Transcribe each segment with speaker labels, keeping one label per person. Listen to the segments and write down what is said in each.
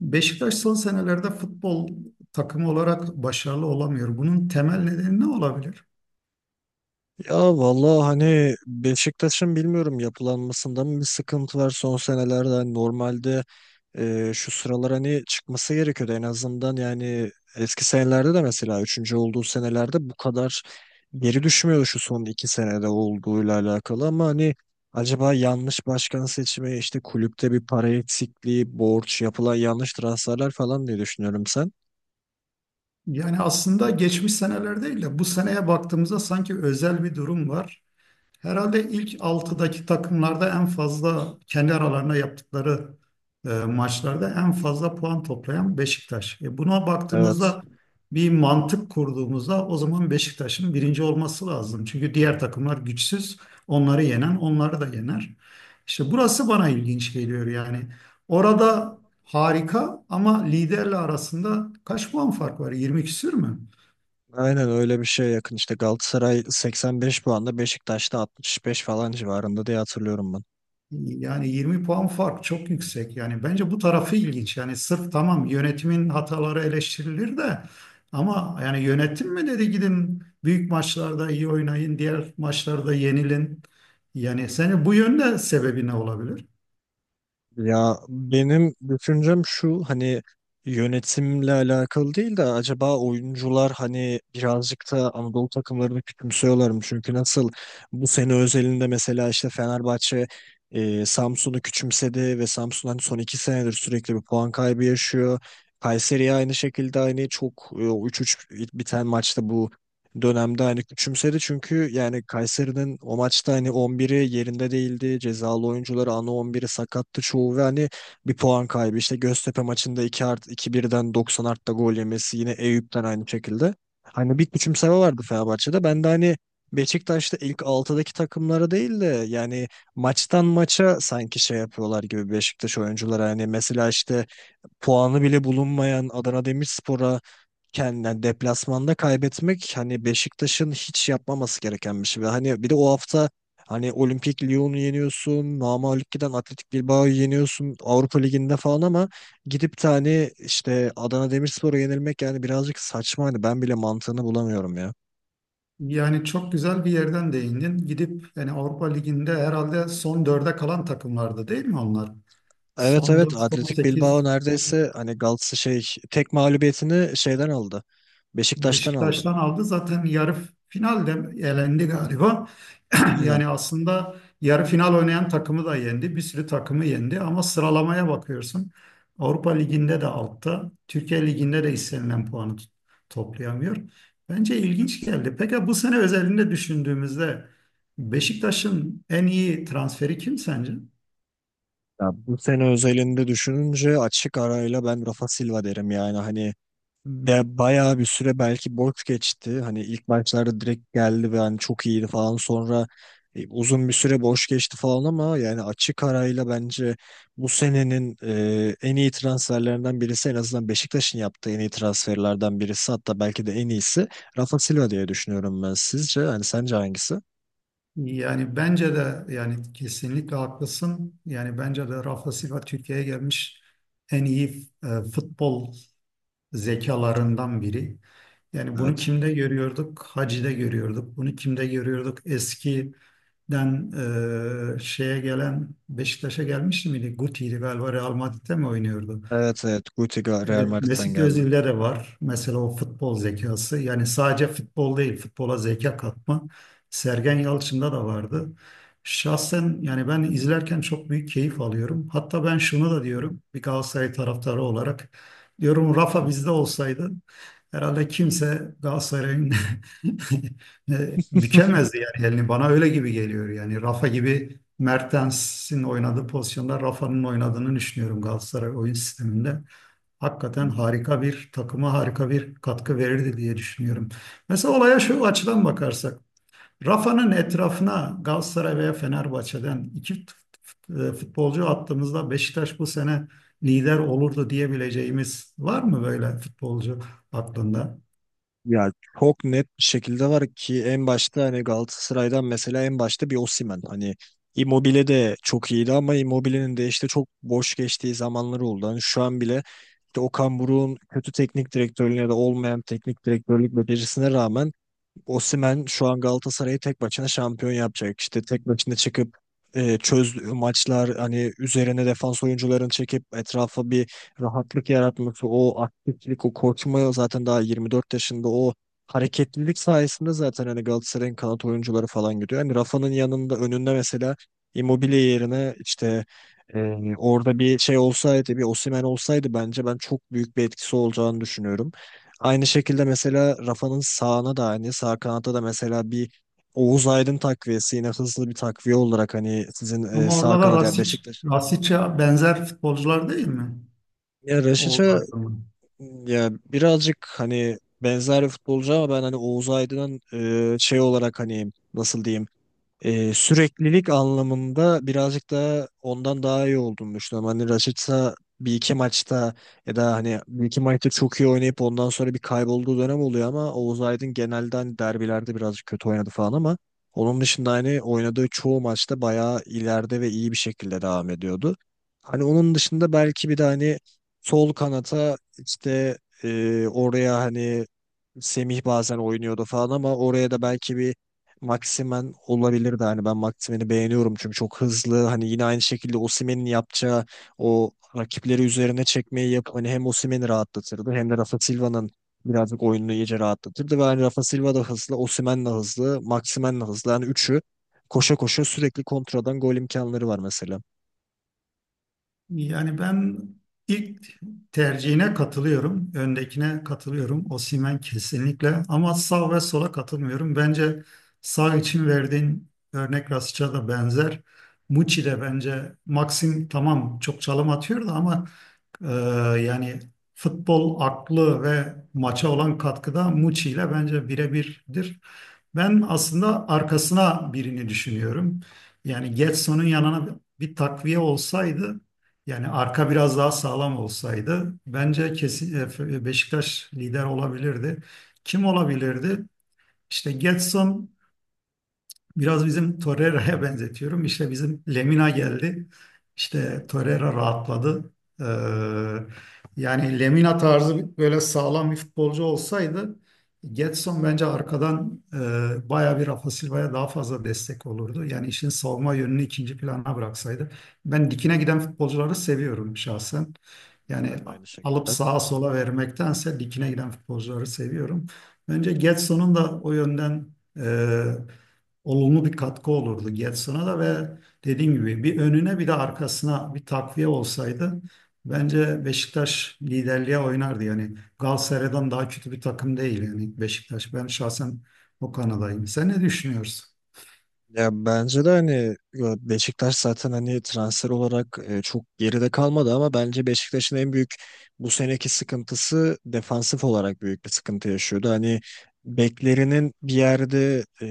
Speaker 1: Beşiktaş son senelerde futbol takımı olarak başarılı olamıyor. Bunun temel nedeni ne olabilir?
Speaker 2: Ya vallahi, hani Beşiktaş'ın bilmiyorum yapılanmasında mı bir sıkıntı var son senelerde. Hani normalde şu sıralar hani çıkması gerekiyordu en azından. Yani eski senelerde de mesela üçüncü olduğu senelerde bu kadar geri düşmüyordu, şu son 2 senede olduğuyla alakalı. Ama hani acaba yanlış başkan seçimi, işte kulüpte bir para eksikliği, borç, yapılan yanlış transferler falan diye düşünüyorum sen.
Speaker 1: Yani aslında geçmiş seneler değil de bu seneye baktığımızda sanki özel bir durum var. Herhalde ilk altıdaki takımlarda en fazla kendi aralarında yaptıkları maçlarda en fazla puan toplayan Beşiktaş. Buna
Speaker 2: Evet.
Speaker 1: baktığımızda bir mantık kurduğumuzda o zaman Beşiktaş'ın birinci olması lazım. Çünkü diğer takımlar güçsüz, onları yenen onları da yener. İşte burası bana ilginç geliyor yani. Orada harika ama liderle arasında kaç puan fark var? 20 küsür mü?
Speaker 2: Aynen öyle, bir şeye yakın. İşte Galatasaray 85 puanda, Beşiktaş'ta 65 falan civarında diye hatırlıyorum ben.
Speaker 1: Yani 20 puan fark çok yüksek. Yani bence bu tarafı ilginç. Yani sırf tamam yönetimin hataları eleştirilir de ama yani yönetim mi dedi gidin büyük maçlarda iyi oynayın, diğer maçlarda yenilin. Yani seni bu yönde sebebi ne olabilir?
Speaker 2: Ya benim düşüncem şu, hani yönetimle alakalı değil de acaba oyuncular hani birazcık da Anadolu takımlarını küçümsüyorlar mı? Çünkü nasıl, bu sene özelinde mesela işte Fenerbahçe Samsun'u küçümsedi ve Samsun hani son 2 senedir sürekli bir puan kaybı yaşıyor. Kayseri aynı şekilde, aynı çok, 3-3 biten maçta bu dönemde hani küçümsedi, çünkü yani Kayseri'nin o maçta hani 11'i yerinde değildi. Cezalı oyuncuları, ana 11'i sakattı çoğu, ve hani bir puan kaybı. İşte Göztepe maçında 2 art 2-1'den 90 artta gol yemesi, yine Eyüp'ten aynı şekilde. Hani bir küçümseme vardı Fenerbahçe'de. Ben de hani Beşiktaş'ta ilk 6'daki takımlara değil de, yani maçtan maça sanki şey yapıyorlar gibi Beşiktaş oyuncuları. Hani mesela işte puanı bile bulunmayan Adana Demirspor'a kendinden deplasmanda kaybetmek, hani Beşiktaş'ın hiç yapmaması gereken bir şey. Ve hani bir de o hafta hani Olimpik Lyon'u yeniyorsun, namağlup giden Atletik Bilbao'yu yeniyorsun Avrupa Ligi'nde falan, ama gidip de hani işte Adana Demirspor'a yenilmek yani birazcık saçma, hani ben bile mantığını bulamıyorum ya.
Speaker 1: Yani çok güzel bir yerden değindin. Gidip yani Avrupa Ligi'nde herhalde son dörde kalan takımlardı değil mi onlar?
Speaker 2: Evet,
Speaker 1: Son
Speaker 2: evet,
Speaker 1: 4, son
Speaker 2: Atletik Bilbao
Speaker 1: 8.
Speaker 2: neredeyse hani Galatasaray şey tek mağlubiyetini şeyden aldı. Beşiktaş'tan aldı.
Speaker 1: Beşiktaş'tan aldı. Zaten yarı finalde elendi galiba. Yani
Speaker 2: Aynen.
Speaker 1: aslında yarı final oynayan takımı da yendi. Bir sürü takımı yendi ama sıralamaya bakıyorsun. Avrupa Ligi'nde de altta, Türkiye Ligi'nde de istenilen puanı toplayamıyor. Bence ilginç geldi. Peki bu sene özelinde düşündüğümüzde Beşiktaş'ın en iyi transferi kim sence?
Speaker 2: Ya bu sene özelinde düşününce açık arayla ben Rafa Silva derim, yani hani ve bayağı bir süre belki boş geçti. Hani ilk maçlarda direkt geldi ve hani çok iyiydi falan. Sonra uzun bir süre boş geçti falan, ama yani açık arayla bence bu senenin en iyi transferlerinden birisi, en azından Beşiktaş'ın yaptığı en iyi transferlerden birisi, hatta belki de en iyisi Rafa Silva diye düşünüyorum ben. Sizce hani sence hangisi?
Speaker 1: Yani bence de yani kesinlikle haklısın. Yani bence de Rafa Silva Türkiye'ye gelmiş en iyi futbol zekalarından biri. Yani bunu
Speaker 2: Evet.
Speaker 1: kimde görüyorduk? Hacı'da görüyorduk. Bunu kimde görüyorduk? Eskiden şeye gelen Beşiktaş'a gelmişti miydi? Guti'ydi galiba Real Madrid'de mi oynuyordu?
Speaker 2: Evet, evet, Guti Real
Speaker 1: Evet,
Speaker 2: Madrid'den
Speaker 1: Mesut
Speaker 2: geldim.
Speaker 1: Özil'de de var. Mesela o futbol zekası. Yani sadece futbol değil, futbola zeka katma. Sergen Yalçın'da da vardı. Şahsen yani ben izlerken çok büyük keyif alıyorum. Hatta ben şunu da diyorum bir Galatasaray taraftarı olarak. Diyorum Rafa bizde olsaydı herhalde kimse Galatasaray'ın bükemezdi yani elini. Bana öyle gibi geliyor yani. Rafa gibi Mertens'in oynadığı pozisyonda Rafa'nın oynadığını düşünüyorum Galatasaray oyun sisteminde hakikaten harika bir takıma harika bir katkı verirdi diye düşünüyorum. Mesela olaya şu açıdan bakarsak, Rafa'nın etrafına Galatasaray veya Fenerbahçe'den iki futbolcu attığımızda Beşiktaş bu sene lider olurdu diyebileceğimiz var mı böyle futbolcu aklında?
Speaker 2: Ya çok net bir şekilde var ki en başta hani Galatasaray'dan mesela, en başta bir Osimhen. Hani Immobile de çok iyiydi ama Immobile'nin de işte çok boş geçtiği zamanları oldu. Hani şu an bile işte Okan Buruk'un kötü teknik direktörlüğüne de, olmayan teknik direktörlük becerisine rağmen Osimhen şu an Galatasaray'ı tek başına şampiyon yapacak. İşte tek başına çıkıp çöz maçlar, hani üzerine defans oyuncularını çekip etrafa bir rahatlık yaratması, o aktiflik, o koşma, zaten daha 24 yaşında, o hareketlilik sayesinde zaten hani Galatasaray'ın kanat oyuncuları falan gidiyor. Hani Rafa'nın yanında, önünde mesela Immobile yerine işte e, orada bir şey olsaydı, bir Osimhen olsaydı bence ben çok büyük bir etkisi olacağını düşünüyorum. Aynı şekilde mesela Rafa'nın sağına da aynı. Sağ kanatta da mesela bir Oğuz Aydın takviyesi, yine hızlı bir takviye olarak hani sizin
Speaker 1: Ama
Speaker 2: sağ
Speaker 1: orada da
Speaker 2: kanat ya
Speaker 1: Rasic,
Speaker 2: Beşiktaş.
Speaker 1: Rasic'e benzer futbolcular değil mi?
Speaker 2: Ya
Speaker 1: Oğuz
Speaker 2: Raşiç'e,
Speaker 1: Aydın.
Speaker 2: ya birazcık hani benzer bir futbolcu, ama ben hani Oğuz Aydın'ın şey olarak hani nasıl diyeyim, süreklilik anlamında birazcık daha ondan daha iyi olduğunu düşünüyorum. Hani Rashica bir iki maçta, ya da hani bir iki maçta çok iyi oynayıp ondan sonra bir kaybolduğu dönem oluyor, ama Oğuz Aydın genelde hani derbilerde birazcık kötü oynadı falan, ama onun dışında hani oynadığı çoğu maçta bayağı ileride ve iyi bir şekilde devam ediyordu. Hani onun dışında belki bir de hani sol kanata işte oraya hani Semih bazen oynuyordu falan, ama oraya da belki bir Maximen olabilirdi. Hani ben Maximen'i beğeniyorum, çünkü çok hızlı. Hani yine aynı şekilde Osimhen'in yapacağı o rakipleri üzerine çekmeyi yapıp hani hem Osimhen'i rahatlatırdı, hem de Rafa Silva'nın birazcık oyununu iyice rahatlatırdı. Ve hani Rafa Silva da hızlı, Osimhen de hızlı, Maximen de hızlı. Yani üçü koşa koşa sürekli kontradan gol imkanları var mesela.
Speaker 1: Yani ben ilk tercihine katılıyorum. Öndekine katılıyorum. Osimhen kesinlikle. Ama sağ ve sola katılmıyorum. Bence sağ için verdiğin örnek Rasic'a da benzer. Muçi de bence Maxim tamam çok çalım atıyor da ama ee, yani futbol aklı ve maça olan katkıda Muçi ile bence birebirdir. Ben aslında arkasına birini düşünüyorum. Yani Getson'un yanına bir takviye olsaydı, yani arka biraz daha sağlam olsaydı bence kesin Beşiktaş lider olabilirdi. Kim olabilirdi? İşte Getson biraz bizim Torreira'ya benzetiyorum. İşte bizim Lemina geldi.
Speaker 2: Hı
Speaker 1: İşte
Speaker 2: hı.
Speaker 1: Torreira rahatladı. Ee, Yani Lemina tarzı böyle sağlam bir futbolcu olsaydı Gedson bence arkadan bayağı bir Rafa Silva'ya daha fazla destek olurdu. Yani işin savunma yönünü ikinci plana bıraksaydı. Ben dikine giden futbolcuları seviyorum şahsen. Yani
Speaker 2: Ben de aynı
Speaker 1: alıp
Speaker 2: şekilde.
Speaker 1: sağa sola vermektense dikine giden futbolcuları seviyorum. Bence Gedson'un da o yönden e, olumlu bir katkı olurdu Getson'a da ve dediğim gibi bir önüne bir de arkasına bir takviye olsaydı bence Beşiktaş liderliğe oynardı. Yani Galatasaray'dan daha kötü bir takım değil yani Beşiktaş. Ben şahsen o kanadayım. Sen ne düşünüyorsun?
Speaker 2: Ya bence de hani, ya Beşiktaş zaten hani transfer olarak çok geride kalmadı, ama bence Beşiktaş'ın en büyük bu seneki sıkıntısı defansif olarak büyük bir sıkıntı yaşıyordu. Hani beklerinin bir yerde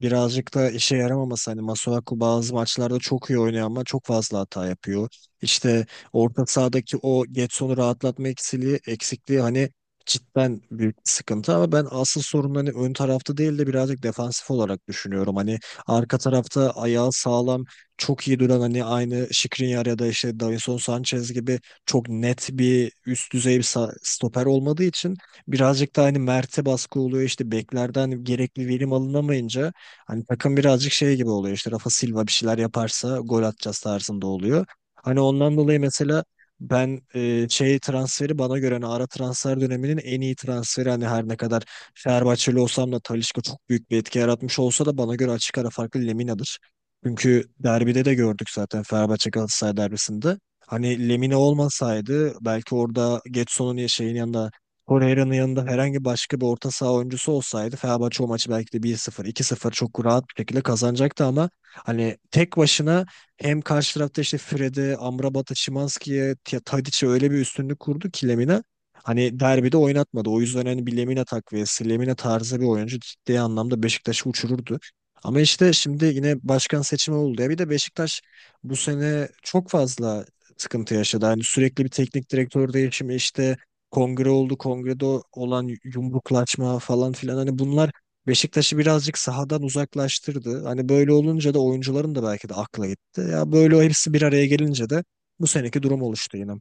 Speaker 2: birazcık da işe yaramaması, hani Masuaku bazı maçlarda çok iyi oynuyor ama çok fazla hata yapıyor. İşte orta sahadaki o Getson'u rahatlatma eksikliği hani cidden büyük bir sıkıntı, ama ben asıl sorun hani ön tarafta değil de birazcık defansif olarak düşünüyorum. Hani arka tarafta ayağı sağlam, çok iyi duran, hani aynı Skriniar ya da işte Davinson Sanchez gibi çok net bir üst düzey bir stoper olmadığı için birazcık da hani Mert'e baskı oluyor. İşte beklerden gerekli verim alınamayınca hani takım birazcık şey gibi oluyor. İşte Rafa Silva bir şeyler yaparsa gol atacağız tarzında oluyor. Hani ondan dolayı mesela ben şey transferi, bana göre hani ara transfer döneminin en iyi transferi, hani her ne kadar Fenerbahçeli olsam da Talisca çok büyük bir etki yaratmış olsa da, bana göre açık ara farklı Lemina'dır. Çünkü derbide de gördük zaten, Fenerbahçe Galatasaray derbisinde. Hani Lemina olmasaydı belki orada Getson'un ya şeyin yanında, Torreira'nın yanında herhangi başka bir orta saha oyuncusu olsaydı, Fenerbahçe o maçı belki de 1-0, 2-0 çok rahat bir şekilde kazanacaktı, ama hani tek başına hem karşı tarafta işte Fred'e, Amrabat'a, Szymański'ye, Tadic'e öyle bir üstünlük kurdu ki Lemina, hani derbide oynatmadı. O yüzden hani bir Lemina takviyesi, Lemina tarzı bir oyuncu ciddi anlamda Beşiktaş'ı uçururdu. Ama işte şimdi yine başkan seçimi oldu ya. Bir de Beşiktaş bu sene çok fazla sıkıntı yaşadı. Hani sürekli bir teknik direktör değişimi, işte kongre oldu. Kongrede olan yumruklaşma falan filan, hani bunlar Beşiktaş'ı birazcık sahadan uzaklaştırdı. Hani böyle olunca da oyuncuların da belki de akla gitti. Ya böyle, o hepsi bir araya gelince de bu seneki durum oluştu yine.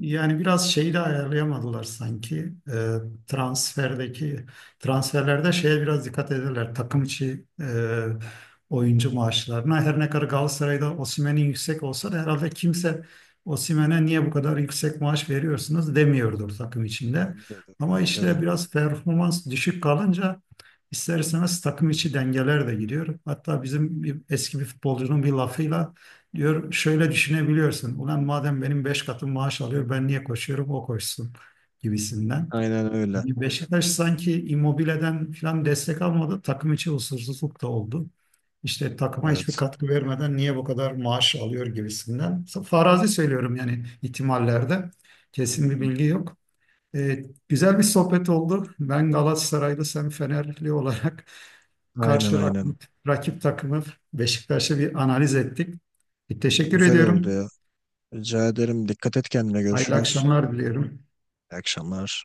Speaker 1: Yani biraz şeyi de ayarlayamadılar sanki. Transferdeki transferlerde şeye biraz dikkat ederler. Takım içi oyuncu maaşlarına. Her ne kadar Galatasaray'da Osimhen'in yüksek olsa da herhalde kimse Osimhen'e niye bu kadar yüksek maaş veriyorsunuz demiyordur takım içinde.
Speaker 2: Bence de,
Speaker 1: Ama
Speaker 2: bence
Speaker 1: işte
Speaker 2: de.
Speaker 1: biraz performans düşük kalınca ister istemez takım içi dengeler de gidiyor. Hatta bizim eski bir futbolcunun bir lafıyla diyor şöyle düşünebiliyorsun. Ulan madem benim beş katım maaş alıyor ben niye koşuyorum o koşsun gibisinden.
Speaker 2: Aynen öyle.
Speaker 1: Yani Beşiktaş sanki Immobile'den falan destek almadı. Takım içi huzursuzluk da oldu. İşte takıma hiçbir
Speaker 2: Evet.
Speaker 1: katkı vermeden niye bu kadar maaş alıyor gibisinden. Farazi söylüyorum yani ihtimallerde. Kesin bir
Speaker 2: Hı hı.
Speaker 1: bilgi yok. Evet, güzel bir sohbet oldu. Ben Galatasaraylı, sen Fenerli olarak
Speaker 2: Aynen,
Speaker 1: karşı
Speaker 2: aynen.
Speaker 1: rakip, rakip takımı Beşiktaş'ı bir analiz ettik. Bir teşekkür
Speaker 2: Güzel oldu
Speaker 1: ediyorum.
Speaker 2: ya. Rica ederim. Dikkat et kendine.
Speaker 1: Hayırlı
Speaker 2: Görüşürüz.
Speaker 1: akşamlar diliyorum.
Speaker 2: İyi akşamlar.